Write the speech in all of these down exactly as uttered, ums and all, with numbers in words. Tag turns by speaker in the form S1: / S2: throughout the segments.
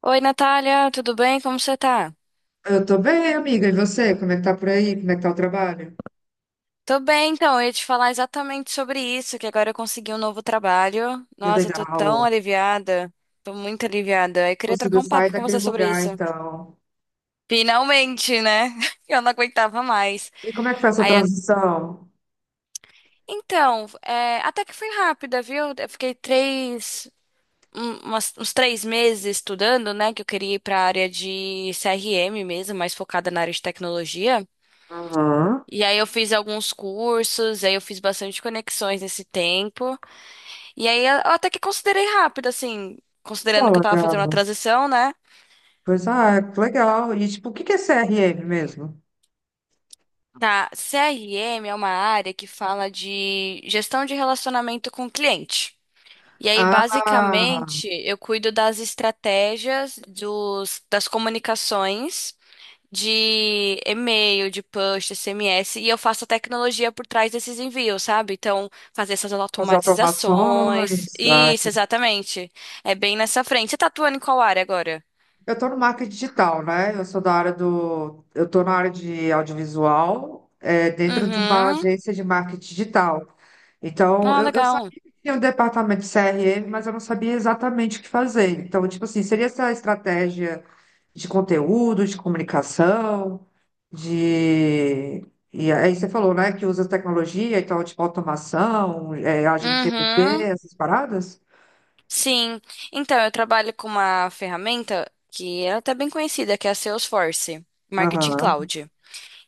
S1: Oi, Natália, tudo bem? Como você tá?
S2: Eu tô bem, amiga. E você? Como é que tá por aí? Como é que tá o trabalho?
S1: Tô bem, então, eu ia te falar exatamente sobre isso, que agora eu consegui um novo trabalho.
S2: Que
S1: Nossa, eu tô tão
S2: legal.
S1: aliviada. Tô muito aliviada. Eu queria
S2: Conseguiu
S1: trocar um
S2: sair
S1: papo com
S2: daquele
S1: você sobre
S2: lugar,
S1: isso.
S2: então.
S1: Finalmente, né? Eu não aguentava mais.
S2: E como é que foi essa
S1: Aí, a-
S2: transição?
S1: então, é, até que foi rápida, viu? Eu fiquei três, um- umas- uns três meses estudando, né? Que eu queria ir pra área de C R M mesmo, mais focada na área de tecnologia.
S2: Aham.
S1: E aí eu fiz alguns cursos, aí eu fiz bastante conexões nesse tempo. E aí eu até que considerei rápido, assim,
S2: Pô,
S1: considerando que eu tava fazendo uma
S2: legal.
S1: transição, né?
S2: Pois ah, que legal. E tipo, o que que é C R M mesmo?
S1: Tá, C R M é uma área que fala de gestão de relacionamento com o cliente. E aí,
S2: Ah,
S1: basicamente, eu cuido das estratégias, dos, das comunicações de e-mail, de push, S M S, e eu faço a tecnologia por trás desses envios, sabe? Então, fazer essas
S2: fazer
S1: automatizações.
S2: automações. Ah,
S1: Isso, exatamente. É bem nessa frente. Você tá atuando em qual área agora?
S2: eu estou no marketing digital, né? Eu sou da área do. Eu estou na área de audiovisual, é, dentro de uma
S1: Uhum.
S2: agência de marketing digital. Então,
S1: Ah,
S2: eu, eu
S1: legal.
S2: sabia que tinha um departamento de C R M, mas eu não sabia exatamente o que fazer. Então, tipo assim, seria essa estratégia de conteúdo, de comunicação, de. E aí você falou, né, que usa tecnologia, então, tipo, automação, é, agente G P T,
S1: Uhum.
S2: essas paradas?
S1: Sim. Então, eu trabalho com uma ferramenta que é até bem conhecida, que é a Salesforce Marketing
S2: Aham,
S1: Cloud.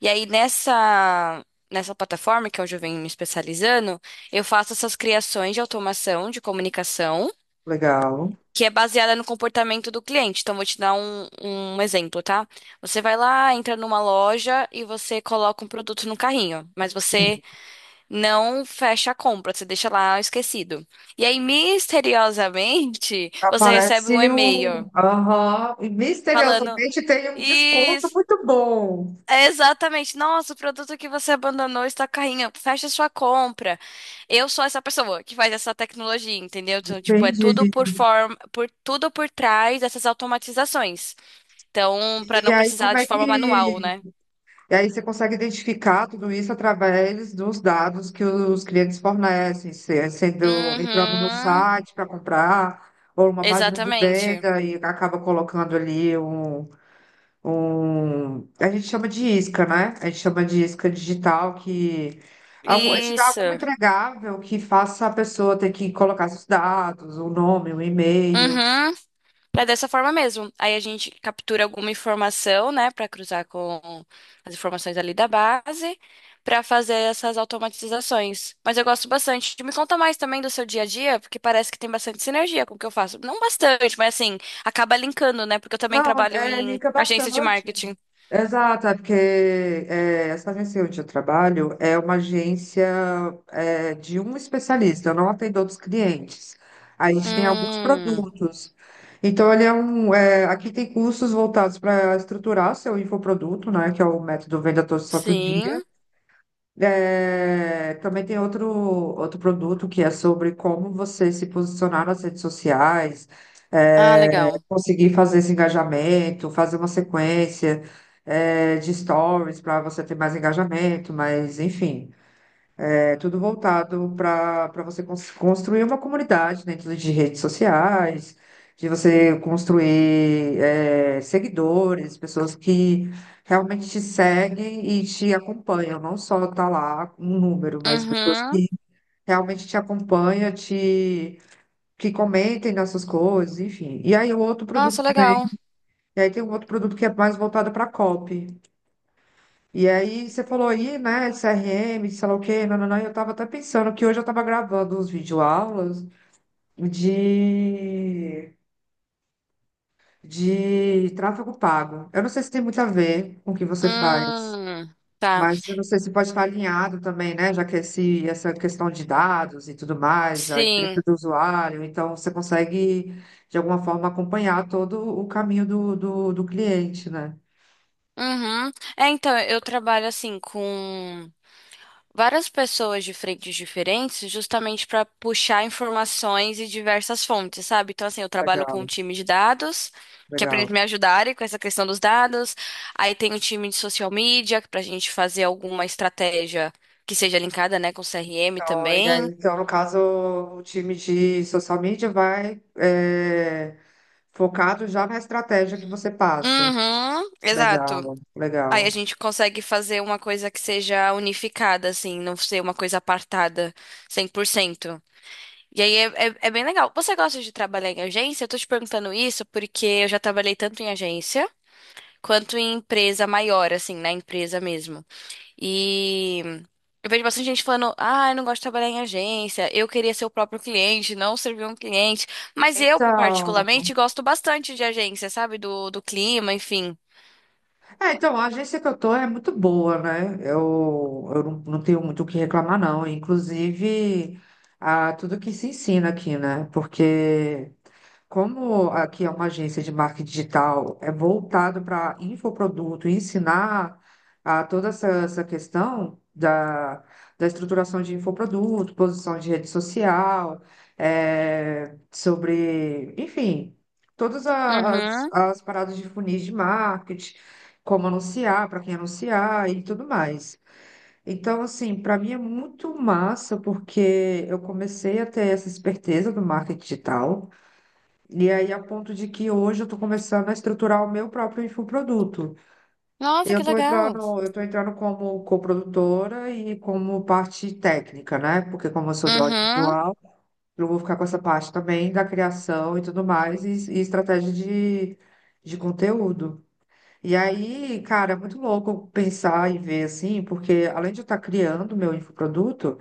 S1: E aí, nessa. Nessa plataforma, que é onde eu venho me especializando, eu faço essas criações de automação de comunicação
S2: legal.
S1: que é baseada no comportamento do cliente. Então, vou te dar um, um exemplo, tá? Você vai lá, entra numa loja e você coloca um produto no carrinho, mas você não fecha a compra, você deixa lá esquecido. E aí, misteriosamente, você recebe um
S2: Aparece
S1: e-mail
S2: um. Aham. E
S1: falando:
S2: misteriosamente tem um desconto
S1: Isso,
S2: muito bom.
S1: é exatamente, nossa, o produto que você abandonou está no carrinho, fecha sua compra. Eu sou essa pessoa que faz essa tecnologia, entendeu? Então, tipo, é
S2: Entendi.
S1: tudo por forma, por tudo por trás dessas automatizações. Então, pra
S2: E
S1: não
S2: aí,
S1: precisar
S2: como
S1: de
S2: é
S1: forma manual,
S2: que.
S1: né?
S2: E aí, você consegue identificar tudo isso através dos dados que os clientes fornecem, se- é sendo entrando no
S1: Uhum.
S2: site para comprar, ou uma página de
S1: Exatamente.
S2: venda, e acaba colocando ali um um, a gente chama de isca, né? A gente chama de isca digital que algu- a gente dá alguma
S1: Isso.
S2: entregável que faça a pessoa ter que colocar seus dados, o nome, o e-mail.
S1: Uhum. Pra dessa forma mesmo. Aí a gente captura alguma informação, né, pra cruzar com as informações ali da base, pra fazer essas automatizações. Mas eu gosto bastante. Me conta mais também do seu dia a dia, porque parece que tem bastante sinergia com o que eu faço. Não bastante, mas assim, acaba linkando, né? Porque eu também
S2: Não,
S1: trabalho
S2: é,
S1: em
S2: liga
S1: agência de
S2: bastante.
S1: marketing.
S2: Exato, é porque é, essa agência onde eu trabalho é uma agência é, de um especialista, eu não atendo outros clientes. A gente tem alguns
S1: Hum,
S2: produtos. Então, ele é um, é, aqui tem cursos voltados para estruturar seu infoproduto, né, que é o método Venda Todo Santo Dia.
S1: sim.
S2: É, também tem outro, outro produto que é sobre como você se posicionar nas redes sociais,
S1: Ah,
S2: é,
S1: legal.
S2: conseguir fazer esse engajamento, fazer uma sequência, é, de stories para você ter mais engajamento, mas enfim. É tudo voltado para para você cons- construir uma comunidade dentro de redes sociais, de você construir é, seguidores, pessoas que realmente te seguem e te acompanham, não só tá lá um número, mas pessoas
S1: Uhum.
S2: que realmente te acompanham, te que comentem nas suas coisas, enfim. E aí o outro produto
S1: Nossa,
S2: também.
S1: legal.
S2: E aí tem um outro produto que é mais voltado para copy. E aí você falou aí, né, C R M, sei lá o quê. Não, não, não. Eu tava até pensando que hoje eu tava gravando uns videoaulas de, de tráfego pago. Eu não sei se tem muito a ver com o que você faz,
S1: Hum, tá.
S2: mas eu não sei se pode estar alinhado também, né, já que esse, essa questão de dados e tudo mais, a experiência
S1: Sim.
S2: do usuário, então você consegue, de alguma forma, acompanhar todo o caminho do, do, do cliente, né?
S1: Uhum. É, então, eu trabalho assim com várias pessoas de frentes diferentes, justamente para puxar informações e diversas fontes, sabe? Então, assim, eu trabalho com um
S2: Legal,
S1: time de dados, que é para eles
S2: legal.
S1: me ajudarem com essa questão dos dados. Aí tem o time de social media, para a gente fazer alguma estratégia que seja linkada, né, com C R M
S2: Então, e aí,
S1: também.
S2: então, no caso, o time de social media vai é, focado já na estratégia que você passa.
S1: Uhum, exato.
S2: Legal,
S1: Aí a
S2: legal.
S1: gente consegue fazer uma coisa que seja unificada, assim, não ser uma coisa apartada cem por cento. E aí é, é, é bem legal. Você gosta de trabalhar em agência? Eu tô te perguntando isso porque eu já trabalhei tanto em agência quanto em empresa maior, assim, na empresa mesmo. E eu vejo bastante gente falando, ah, eu não gosto de trabalhar em agência, eu queria ser o próprio cliente, não servir um cliente. Mas eu,
S2: Então,
S1: particularmente, gosto bastante de agência, sabe? Do, do clima, enfim.
S2: é, então, a agência que eu tô é muito boa, né? Eu, eu não, não tenho muito o que reclamar, não. Inclusive, a, tudo que se ensina aqui, né? Porque como aqui é uma agência de marketing digital, é voltado para infoproduto, ensinar a toda essa, essa questão da, da estruturação de infoproduto, posição de rede social, é sobre, enfim, todas a- as,
S1: Uhum.
S2: as paradas de funis de marketing, como anunciar, para quem anunciar e tudo mais. Então, assim, para mim é muito massa, porque eu comecei a ter essa esperteza do marketing digital. E aí, a ponto de que hoje eu estou começando a estruturar o meu próprio infoproduto.
S1: Nossa,
S2: Eu
S1: que
S2: estou entrando,
S1: legal.
S2: eu estou entrando como coprodutora e como parte técnica, né? Porque como eu sou do
S1: Uhum.
S2: audiovisual, eu vou ficar com essa parte também da criação e tudo mais, e, e estratégia de, de conteúdo. E aí, cara, é muito louco pensar e ver assim, porque além de eu estar criando meu infoproduto,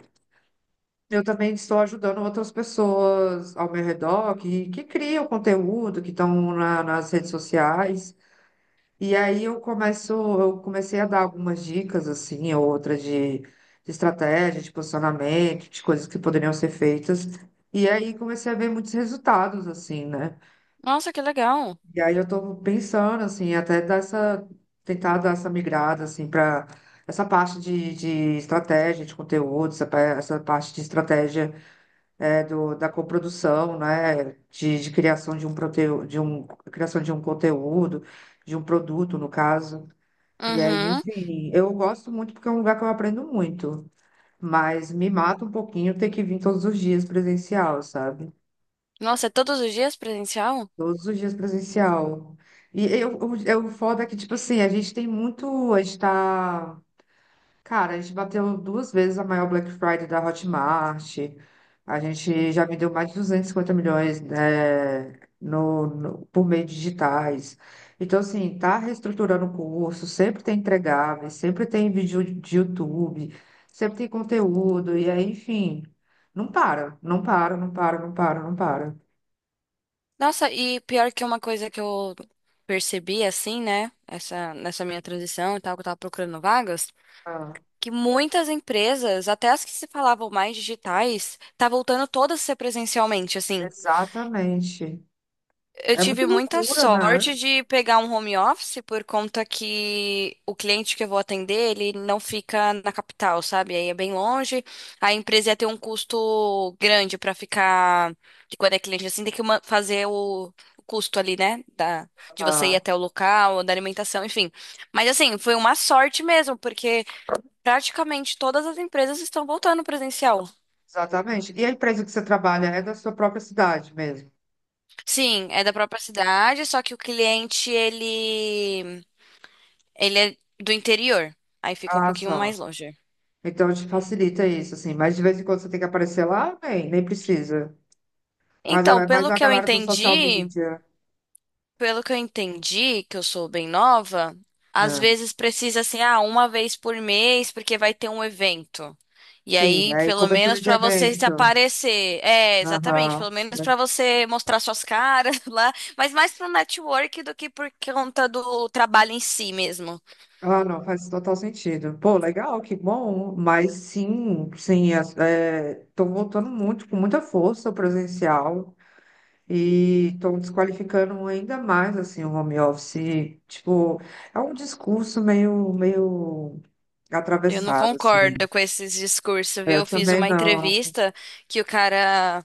S2: eu também estou ajudando outras pessoas ao meu redor que, que criam conteúdo, que estão na- nas redes sociais. E aí eu começo, eu comecei a dar algumas dicas, assim, ou outras de, de estratégia, de posicionamento, de coisas que poderiam ser feitas. E aí comecei a ver muitos resultados, assim, né?
S1: Nossa, que legal.
S2: E aí eu estou pensando, assim, até dar essa, tentar dar essa migrada, assim, para essa parte de, de estratégia, de conteúdo, essa, pa- essa parte de estratégia é, do, da coprodução, né, de, de criação de um proteu, de um criação de um conteúdo, de um produto, no caso. E aí,
S1: Uhum.
S2: enfim, eu gosto muito porque é um lugar que eu aprendo muito, mas me mata um pouquinho ter que vir todos os dias presencial, sabe?
S1: Nossa, é todos os dias presencial?
S2: Todos os dias presencial. E eu, eu, eu foda é que, tipo assim, a gente tem muito, a gente tá cara, a gente bateu duas vezes a maior Black Friday da Hotmart. A gente já vendeu mais de duzentos e cinquenta milhões, né, no, no- por meio de digitais. Então, assim, tá reestruturando o curso, sempre tem entregáveis, sempre tem vídeo de YouTube, sempre tem conteúdo, e aí, enfim, não para, não para, não para, não para, não para.
S1: Nossa, e pior que uma coisa que eu percebi assim, né? Essa, nessa minha transição e tal, que eu tava procurando vagas,
S2: Ah,
S1: que muitas empresas, até as que se falavam mais digitais, tá voltando todas a ser presencialmente, assim.
S2: exatamente.
S1: Eu
S2: É muito
S1: tive muita
S2: loucura, né?
S1: sorte de pegar um home office por conta que o cliente que eu vou atender, ele não fica na capital, sabe? Aí é bem longe. A empresa ia ter um custo grande pra ficar, que quando é cliente assim, tem que ma- fazer o o custo ali, né, da de você ir
S2: Ah,
S1: até o local, da alimentação, enfim. Mas assim, foi uma sorte mesmo, porque praticamente todas as empresas estão voltando presencial.
S2: exatamente. E a empresa que você trabalha é da sua própria cidade mesmo?
S1: Sim, é da própria cidade, só que o cliente ele Ele é do interior, aí fica um
S2: Ah,
S1: pouquinho
S2: só.
S1: mais longe.
S2: Então te facilita isso, assim. Mas de vez em quando você tem que aparecer lá, nem, nem precisa. Mas,
S1: Então,
S2: a- mas
S1: pelo
S2: a
S1: que eu
S2: galera do social
S1: entendi,
S2: media,
S1: pelo que eu entendi, que eu sou bem nova, às
S2: né?
S1: vezes precisa assim, ah, uma vez por mês, porque vai ter um evento. E
S2: Sim,
S1: aí,
S2: aí
S1: pelo menos
S2: cobertura de
S1: pra você se
S2: evento.
S1: aparecer. É, exatamente,
S2: Aham.
S1: pelo menos pra você mostrar suas caras lá, mas mais pro network do que por conta do trabalho em si mesmo.
S2: Ah, não, faz total sentido. Pô, legal, que bom. Mas sim, sim, estou voltando muito, com muita força ao presencial e estou desqualificando ainda mais, assim, o home office. Tipo, é um discurso meio, meio
S1: Eu não
S2: atravessado,
S1: concordo
S2: assim.
S1: com esses discursos, viu?
S2: Eu
S1: Eu fiz
S2: também
S1: uma
S2: não.
S1: entrevista que o cara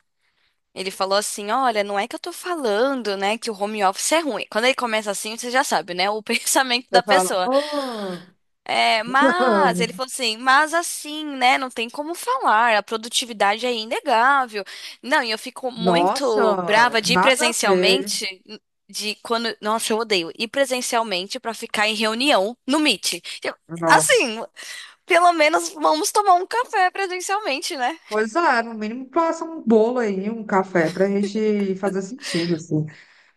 S1: ele falou assim: Olha, não é que eu tô falando, né, que o home office é ruim. Quando ele começa assim, você já sabe, né, o pensamento
S2: Você
S1: da
S2: fala,
S1: pessoa.
S2: oh,
S1: É, mas, ele falou assim: Mas assim, né, não tem como falar, a produtividade é inegável. Não, e eu fico muito
S2: nossa,
S1: brava de ir
S2: nada a ver.
S1: presencialmente. De quando. Nossa, eu odeio ir presencialmente pra ficar em reunião no Meet. Eu-
S2: Nossa.
S1: assim, pelo menos vamos tomar um café presencialmente, né?
S2: Pois é, no mínimo passa um bolo aí, um café, pra gente fazer sentido, assim.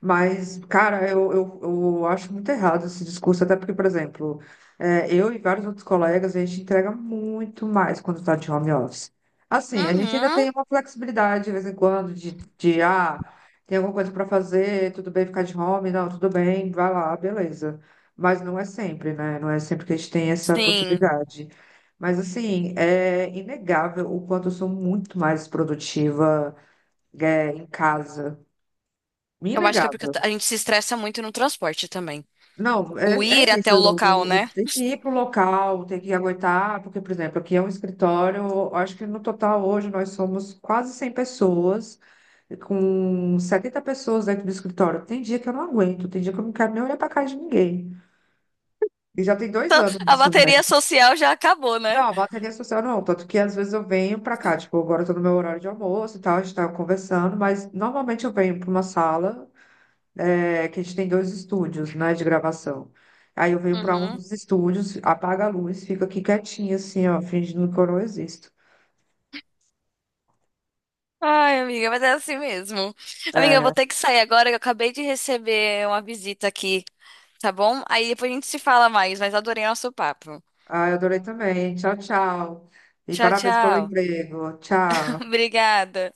S2: Mas, cara, eu, eu, eu acho muito errado esse discurso, até porque, por exemplo, é, eu e vários outros colegas, a gente entrega muito mais quando está de home office. Assim, a gente ainda
S1: Uhum.
S2: tem uma flexibilidade de vez em quando, de, de ah, tem alguma coisa para fazer, tudo bem ficar de home, não, tudo bem, vai lá, beleza. Mas não é sempre, né? Não é sempre que a gente tem essa
S1: Sim.
S2: possibilidade. Mas, assim, é inegável o quanto eu sou muito mais produtiva, é, em casa.
S1: Eu acho que é porque
S2: Inegável.
S1: a gente se estressa muito no transporte também.
S2: Não, é,
S1: O ir
S2: é isso.
S1: até o
S2: Eu,
S1: local,
S2: eu
S1: né?
S2: tenho que ir para o local, tenho que aguentar, porque, por exemplo, aqui é um escritório, eu acho que no total hoje nós somos quase cem pessoas, com setenta pessoas dentro do escritório. Tem dia que eu não aguento, tem dia que eu não quero nem olhar para a cara de ninguém. E já tem dois anos
S1: A
S2: isso, né?
S1: bateria social já acabou, né?
S2: Não, bateria social não. Tanto que às vezes eu venho pra cá, tipo, agora eu tô no meu horário de almoço e tal, a gente tá conversando, mas normalmente eu venho pra uma sala, é, que a gente tem dois estúdios, né, de gravação. Aí eu venho pra um
S1: Uhum.
S2: dos estúdios, apaga a luz, fica aqui quietinha, assim, ó, fingindo que eu não existo.
S1: Ai, amiga, mas é assim mesmo. Amiga, eu vou ter que sair agora, que eu acabei de receber uma visita aqui, tá bom? Aí depois a gente se fala mais, mas adorei nosso papo.
S2: Ah, eu adorei também. Tchau, tchau. E
S1: Tchau,
S2: parabéns pelo
S1: tchau.
S2: emprego. Tchau.
S1: Obrigada.